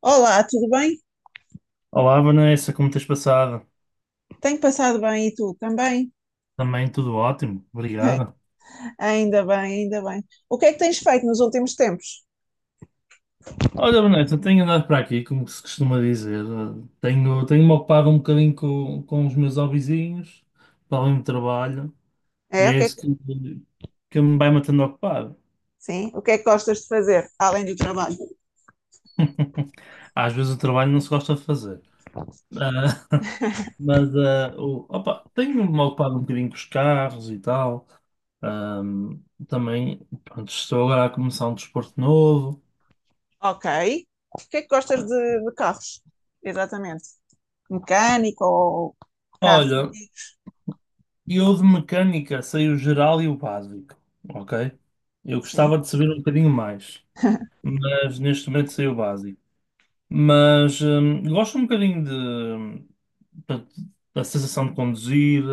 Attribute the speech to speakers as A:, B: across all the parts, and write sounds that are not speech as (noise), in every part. A: Olá, tudo bem?
B: Olá, Vanessa, como tens passado?
A: Tenho passado bem e tu também?
B: Também tudo ótimo,
A: (laughs)
B: obrigado.
A: Ainda bem, ainda bem. O que é que tens feito nos últimos tempos?
B: Olha, Vanessa, tenho andado para aqui, como se costuma dizer. Tenho-me ocupado um bocadinho com os meus hobbyzinhos, para além do trabalho, e
A: É, o
B: é
A: que é
B: isso
A: que,
B: que me vai mantendo ocupado.
A: sim, o que é que gostas de fazer além do trabalho?
B: Às vezes o trabalho não se gosta de fazer. Ah. (laughs)
A: (laughs)
B: Mas opa, tenho-me ocupado um bocadinho com os carros e tal. Ahm, Também, pronto, estou agora a começar um desporto novo.
A: Ok. O que é que gostas de carros? Exatamente. Mecânico ou carros
B: Olha.
A: antigos?
B: E eu de mecânica sei o geral e o básico, ok? Eu
A: Sim.
B: gostava de saber um bocadinho mais,
A: (laughs)
B: mas neste momento sei o básico. Mas gosto um bocadinho de, portanto, da sensação de conduzir,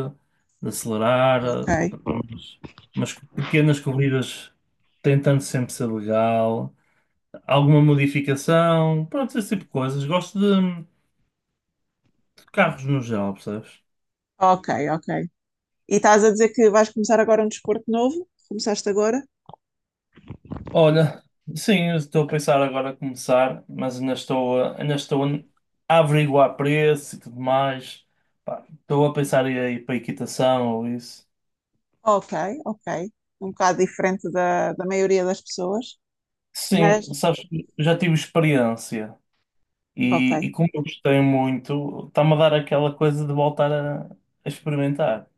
B: de acelerar,
A: Ok.
B: portanto, umas pequenas corridas tentando sempre ser legal, alguma modificação, pronto, esse tipo de coisas. Gosto de carros no geral, percebes?
A: Ok, ok. E estás a dizer que vais começar agora um desporto novo? Começaste agora?
B: Olha, sim, eu estou a pensar agora a começar, mas ainda ainda estou a averiguar preço e tudo mais. Pá, estou a pensar em ir para a equitação ou isso.
A: Ok, ok. Um bocado diferente da maioria das pessoas,
B: Sim,
A: mas
B: sabes, que eu já tive experiência
A: ok,
B: e como eu gostei muito, está-me a dar aquela coisa de voltar a experimentar.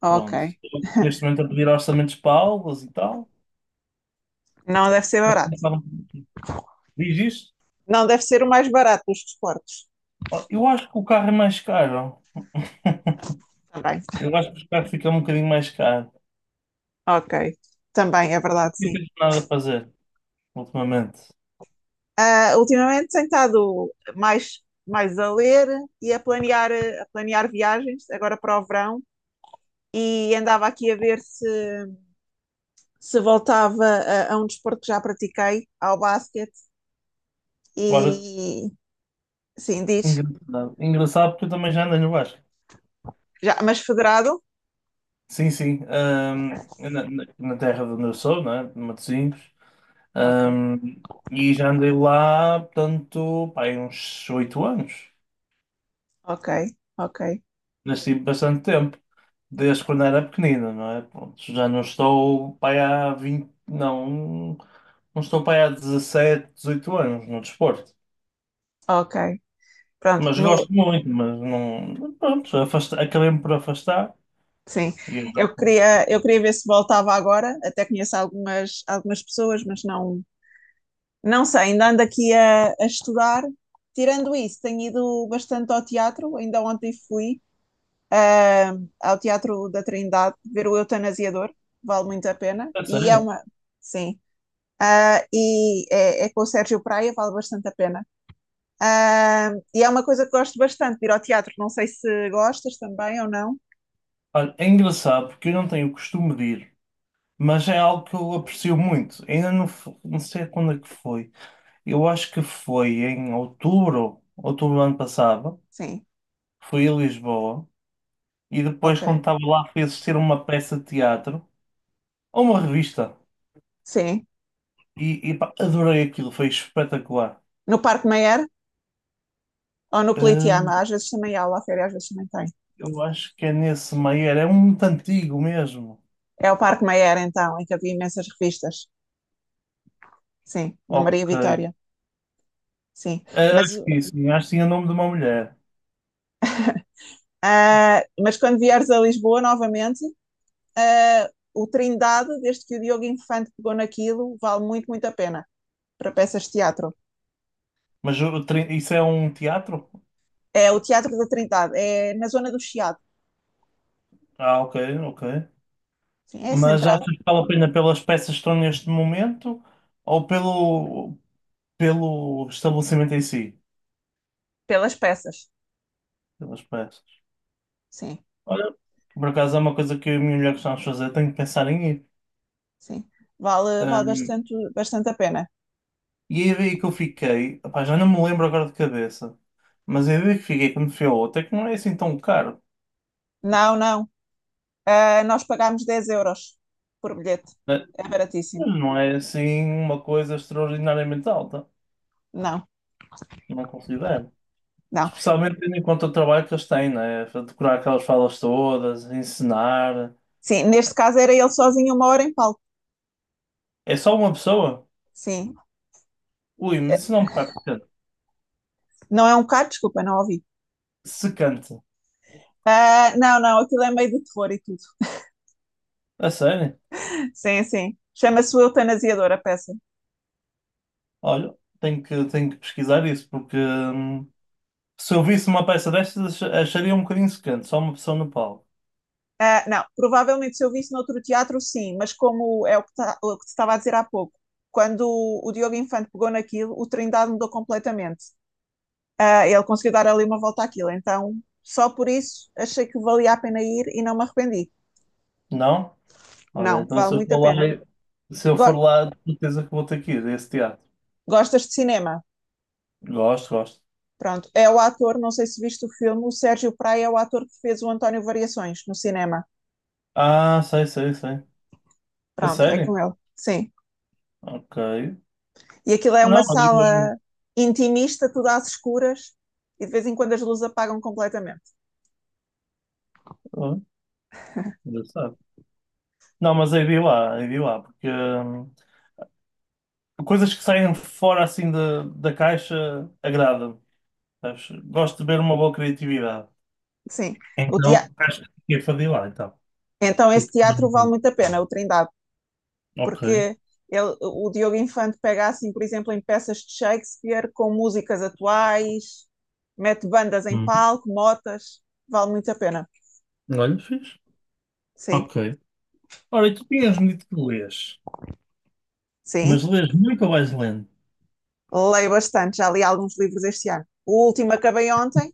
A: ok.
B: Pronto, estou neste momento a pedir orçamentos para aulas e tal,
A: Não deve ser
B: mas também
A: barato.
B: diz isto.
A: Não deve ser o mais barato dos desportos.
B: Ó, eu acho que o carro é mais caro.
A: Também.
B: Eu acho que os carros ficam um bocadinho mais caros.
A: Ok. Também, é verdade,
B: Não
A: sim.
B: tens nada a fazer ultimamente.
A: Ah, ultimamente tenho estado mais a ler e a planear viagens, agora para o verão, e andava aqui a ver se voltava a um desporto que já pratiquei, ao basquete.
B: Agora,
A: E sim, diz.
B: engraçado, engraçado porque eu também já andei no Vasco.
A: Já, mas federado?
B: Sim, sim. Na terra de onde eu sou, né? De Matosinhos.
A: Ok,
B: ahm, e já andei lá, portanto, pá, aí uns oito anos.
A: ok, ok,
B: Nasci bastante tempo. Desde quando era pequenina, não é? Pronto, já não estou, pá, aí há vinte. Não, não estou, pá, aí há 17, 18 anos no desporto.
A: ok. Pronto,
B: Mas
A: no,
B: gosto muito, mas não. Pronto, acabei-me por afastar.
A: sim.
B: E eu.
A: Eu queria ver se voltava agora. Até conheço algumas pessoas, mas não, não sei. Ainda ando aqui a estudar. Tirando isso, tenho ido bastante ao teatro. Ainda ontem fui ao Teatro da Trindade ver o Eutanasiador. Vale muito a pena.
B: A
A: E é
B: sério?
A: uma. Sim. Ah, é com o Sérgio Praia, vale bastante a pena. Ah, e é uma coisa que gosto bastante, de ir ao teatro. Não sei se gostas também ou não.
B: Olha, é engraçado porque eu não tenho o costume de ir, mas é algo que eu aprecio muito. Ainda não, não sei quando é que foi. Eu acho que foi em outubro, outubro do ano passado.
A: Sim,
B: Fui a Lisboa e depois,
A: ok.
B: quando estava lá, fui assistir uma peça de teatro ou uma revista.
A: Sim.
B: E, pá, adorei aquilo, foi espetacular.
A: No Parque Mayer ou no
B: Hum,
A: Politeama, às vezes também há, lá férias, às vezes também tem.
B: eu acho que é nesse Maier, é um muito antigo mesmo.
A: É o Parque Mayer, então, em que havia imensas revistas. Sim, no Maria
B: Ok.
A: Vitória. Sim.
B: Ah, acho
A: Mas,
B: que sim, acho que tinha o nome de uma mulher.
A: ah, mas quando vieres a Lisboa novamente, ah, o Trindade, desde que o Diogo Infante pegou naquilo, vale muito, muito a pena para peças de teatro.
B: Mas isso é um teatro?
A: É o Teatro da Trindade, é na zona do Chiado.
B: Ah, ok, ok.
A: Sim, é
B: Mas
A: central,
B: achas que vale a pena pelas peças que estão neste momento ou pelo, pelo estabelecimento em si?
A: pelas peças.
B: Pelas peças.
A: Sim,
B: Olha, por acaso é uma coisa que eu e a minha mulher gostamos de fazer, tenho que pensar em ir.
A: sim. Vale, vale
B: Ahm,
A: bastante, bastante a pena.
B: e a ideia que eu fiquei, opá, já não me lembro agora de cabeça, mas a ideia que fiquei quando fui ao outro é que não é assim tão caro.
A: Não, não. Ah, nós pagámos 10 euros por bilhete.
B: Né?
A: É baratíssimo.
B: Mas não é assim uma coisa extraordinariamente alta,
A: Não,
B: não considero.
A: não.
B: Especialmente tendo em conta o trabalho que eles têm, né? Decorar aquelas falas todas, ensinar.
A: Sim, neste caso era ele sozinho uma hora em palco.
B: É só uma pessoa?
A: Sim.
B: Ui,
A: Eh,
B: mas isso não me parece
A: Não é um bocado, desculpa, não ouvi.
B: secante.
A: Ah, não, não, aquilo é meio de terror e tudo.
B: A sério?
A: Sim, sim. Chama-se o eutanasiador a peça.
B: Olha, tenho que pesquisar isso, porque se eu visse uma peça destas, acharia um bocadinho secante, só uma pessoa no palco.
A: Ah, não, provavelmente se eu visse noutro teatro, sim, mas como é o que, o que te estava a dizer há pouco, quando o Diogo Infante pegou naquilo, o Trindade mudou completamente. Ah, ele conseguiu dar ali uma volta àquilo. Então, só por isso, achei que valia a pena ir e não me arrependi.
B: Não? Olha,
A: Não,
B: então se
A: vale
B: eu
A: muito
B: for
A: a
B: lá,
A: pena.
B: se eu for
A: Go-
B: lá, de certeza que vou ter que ir a esse teatro.
A: Gostas de cinema?
B: Gosto, gosto.
A: Pronto. É o ator, não sei se viste o filme, o Sérgio Praia é o ator que fez o António Variações no cinema.
B: Ah, sei, sei, sei. A
A: Pronto, é com
B: sério?
A: ele. Sim.
B: Ok.
A: E aquilo é uma
B: Não, olha,
A: sala intimista, tudo às escuras, e de vez em quando as luzes apagam completamente.
B: eu- eu- engraçado. Não, mas aí vi lá, porque coisas que saem fora assim da caixa agrada-me. Sabes? Gosto de ver uma boa criatividade.
A: Sim. O tea-
B: Então, acho que fiquei para de ir lá, então.
A: Então, esse teatro vale muito a pena, o Trindade.
B: Ok.
A: Porque ele, o Diogo Infante pega assim, por exemplo, em peças de Shakespeare com músicas atuais, mete bandas em
B: Hum.
A: palco, motas, vale muito a pena.
B: Olha, fiz.
A: Sim,
B: Ok. Ora, e tu tinhas-me dito que lês, mas
A: sim,
B: lês muito ou vais lendo?
A: leio bastante, já li alguns livros este ano. O último acabei ontem,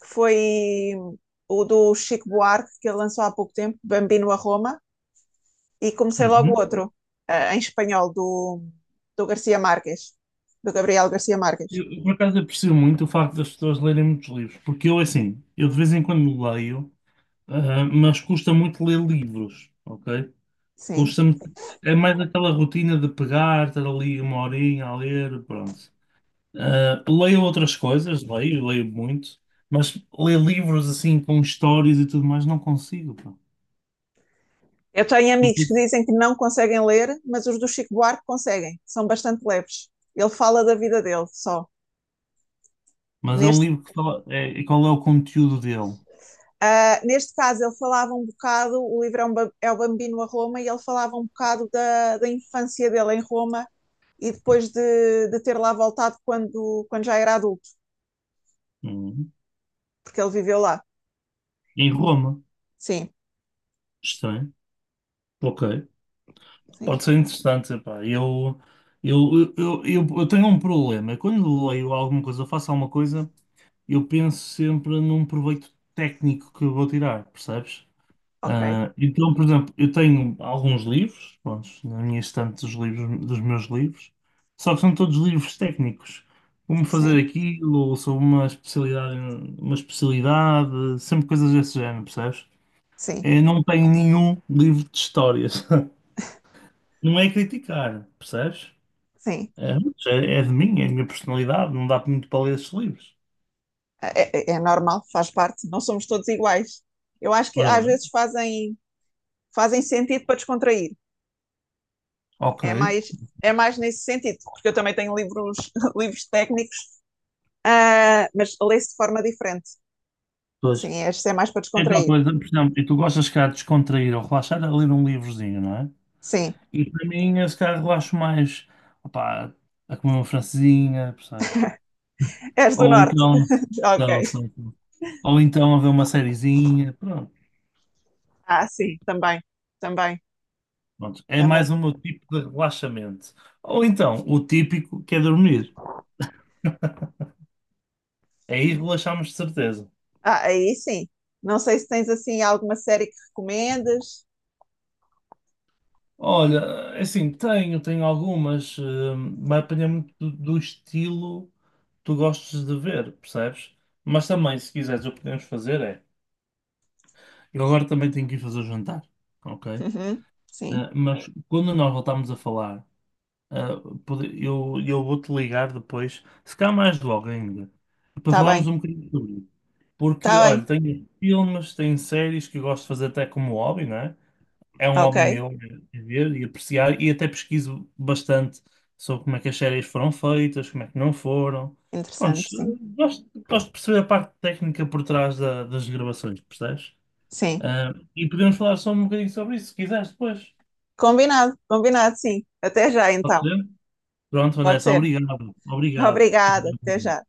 A: que foi o do Chico Buarque, que ele lançou há pouco tempo, Bambino a Roma, e comecei logo
B: Uhum.
A: outro, em espanhol, do Garcia Marques, do Gabriel Garcia Marques.
B: Eu por acaso, aprecio muito o facto das pessoas lerem muitos livros, porque eu, assim, eu de vez em quando leio, ah, mas custa muito ler livros, ok?
A: Sim.
B: Custa-me. É mais aquela rotina de pegar, estar ali uma horinha a ler, pronto. Ah, leio outras coisas, leio, leio muito, mas ler livros assim com histórias e tudo mais não consigo, pá.
A: Eu tenho
B: Não
A: amigos
B: sei
A: que
B: se.
A: dizem que não conseguem ler, mas os do Chico Buarque conseguem, são bastante leves. Ele fala da vida dele só.
B: Mas é um
A: Neste,
B: livro que fala. É, e qual é o conteúdo dele?
A: ah, neste caso, ele falava um bocado, o livro é, um é o Bambino a Roma, e ele falava um bocado da infância dele em Roma e depois de ter lá voltado quando, quando já era adulto,
B: Hum.
A: porque ele viveu lá.
B: Em Roma.
A: Sim,
B: Estranho. Ok.
A: sim,
B: Pode ser interessante, pá. Eu tenho um problema. Quando leio alguma coisa, ou faço alguma coisa, eu penso sempre num proveito técnico que eu vou tirar, percebes?
A: ok,
B: Ah, então, por exemplo, eu tenho alguns livros, pronto, na minha estante dos livros, dos meus livros, só que são todos livros técnicos. Como
A: sim,
B: fazer aquilo, ou sobre uma especialidade, sempre coisas desse género, percebes?
A: sim,
B: Eu não tenho nenhum livro de histórias. (laughs) Não é criticar, percebes?
A: sim.
B: É, mas é é de mim, é a minha personalidade, não dá muito para ler esses livros.
A: É, é normal, faz parte, não somos todos iguais. Eu acho que
B: Ora
A: às
B: bem,
A: vezes fazem sentido para descontrair.
B: ok.
A: É mais, é mais nesse sentido, porque eu também tenho livros, (laughs) livros técnicos, ah, mas leio-se de forma diferente.
B: Pois.
A: Sim, este é mais para
B: É tal
A: descontrair.
B: coisa, por exemplo, e tu gostas, cá, de descontrair ou relaxar, a ler um livrozinho, não é?
A: Sim.
B: E para mim, eu se calhar relaxo mais, opá, a comer uma francesinha, percebes?
A: És do
B: Ou
A: norte?
B: então,
A: (laughs)
B: não, só.
A: Ok.
B: Ou então a ver uma sériezinha, pronto.
A: Ah, sim, também, também,
B: Pronto, é
A: também.
B: mais o meu tipo de relaxamento. Ou então, o típico que é dormir. Aí relaxamos de certeza.
A: Ah, aí sim. Não sei se tens assim alguma série que recomendas.
B: Olha, é assim, tenho algumas, vai depender muito do estilo que tu gostes de ver, percebes? Mas também, se quiseres, o que podemos fazer é. Eu agora também tenho que ir fazer o jantar, ok?
A: Uhum, sim,
B: Ah, mas quando nós voltarmos a falar, ah, eu vou-te ligar depois, se calhar mais logo ainda, para
A: está
B: falarmos
A: bem,
B: um bocadinho sobre isso. Porque,
A: está
B: olha,
A: bem.
B: tenho filmes, tenho séries que eu gosto de fazer até como hobby, não é? É um
A: Ok,
B: hobby meu é ver e apreciar, e até pesquiso bastante sobre como é que as séries foram feitas, como é que não foram. Pronto,
A: interessante, sim.
B: gosto de perceber a parte técnica por trás das gravações, percebes?
A: Sim,
B: Ah, e podemos falar só um bocadinho sobre isso, se quiseres depois.
A: combinado, combinado, sim. Até já
B: Pode
A: então.
B: ser? Pronto,
A: Pode
B: Vanessa,
A: ser.
B: obrigado. Obrigado.
A: Obrigada, até já.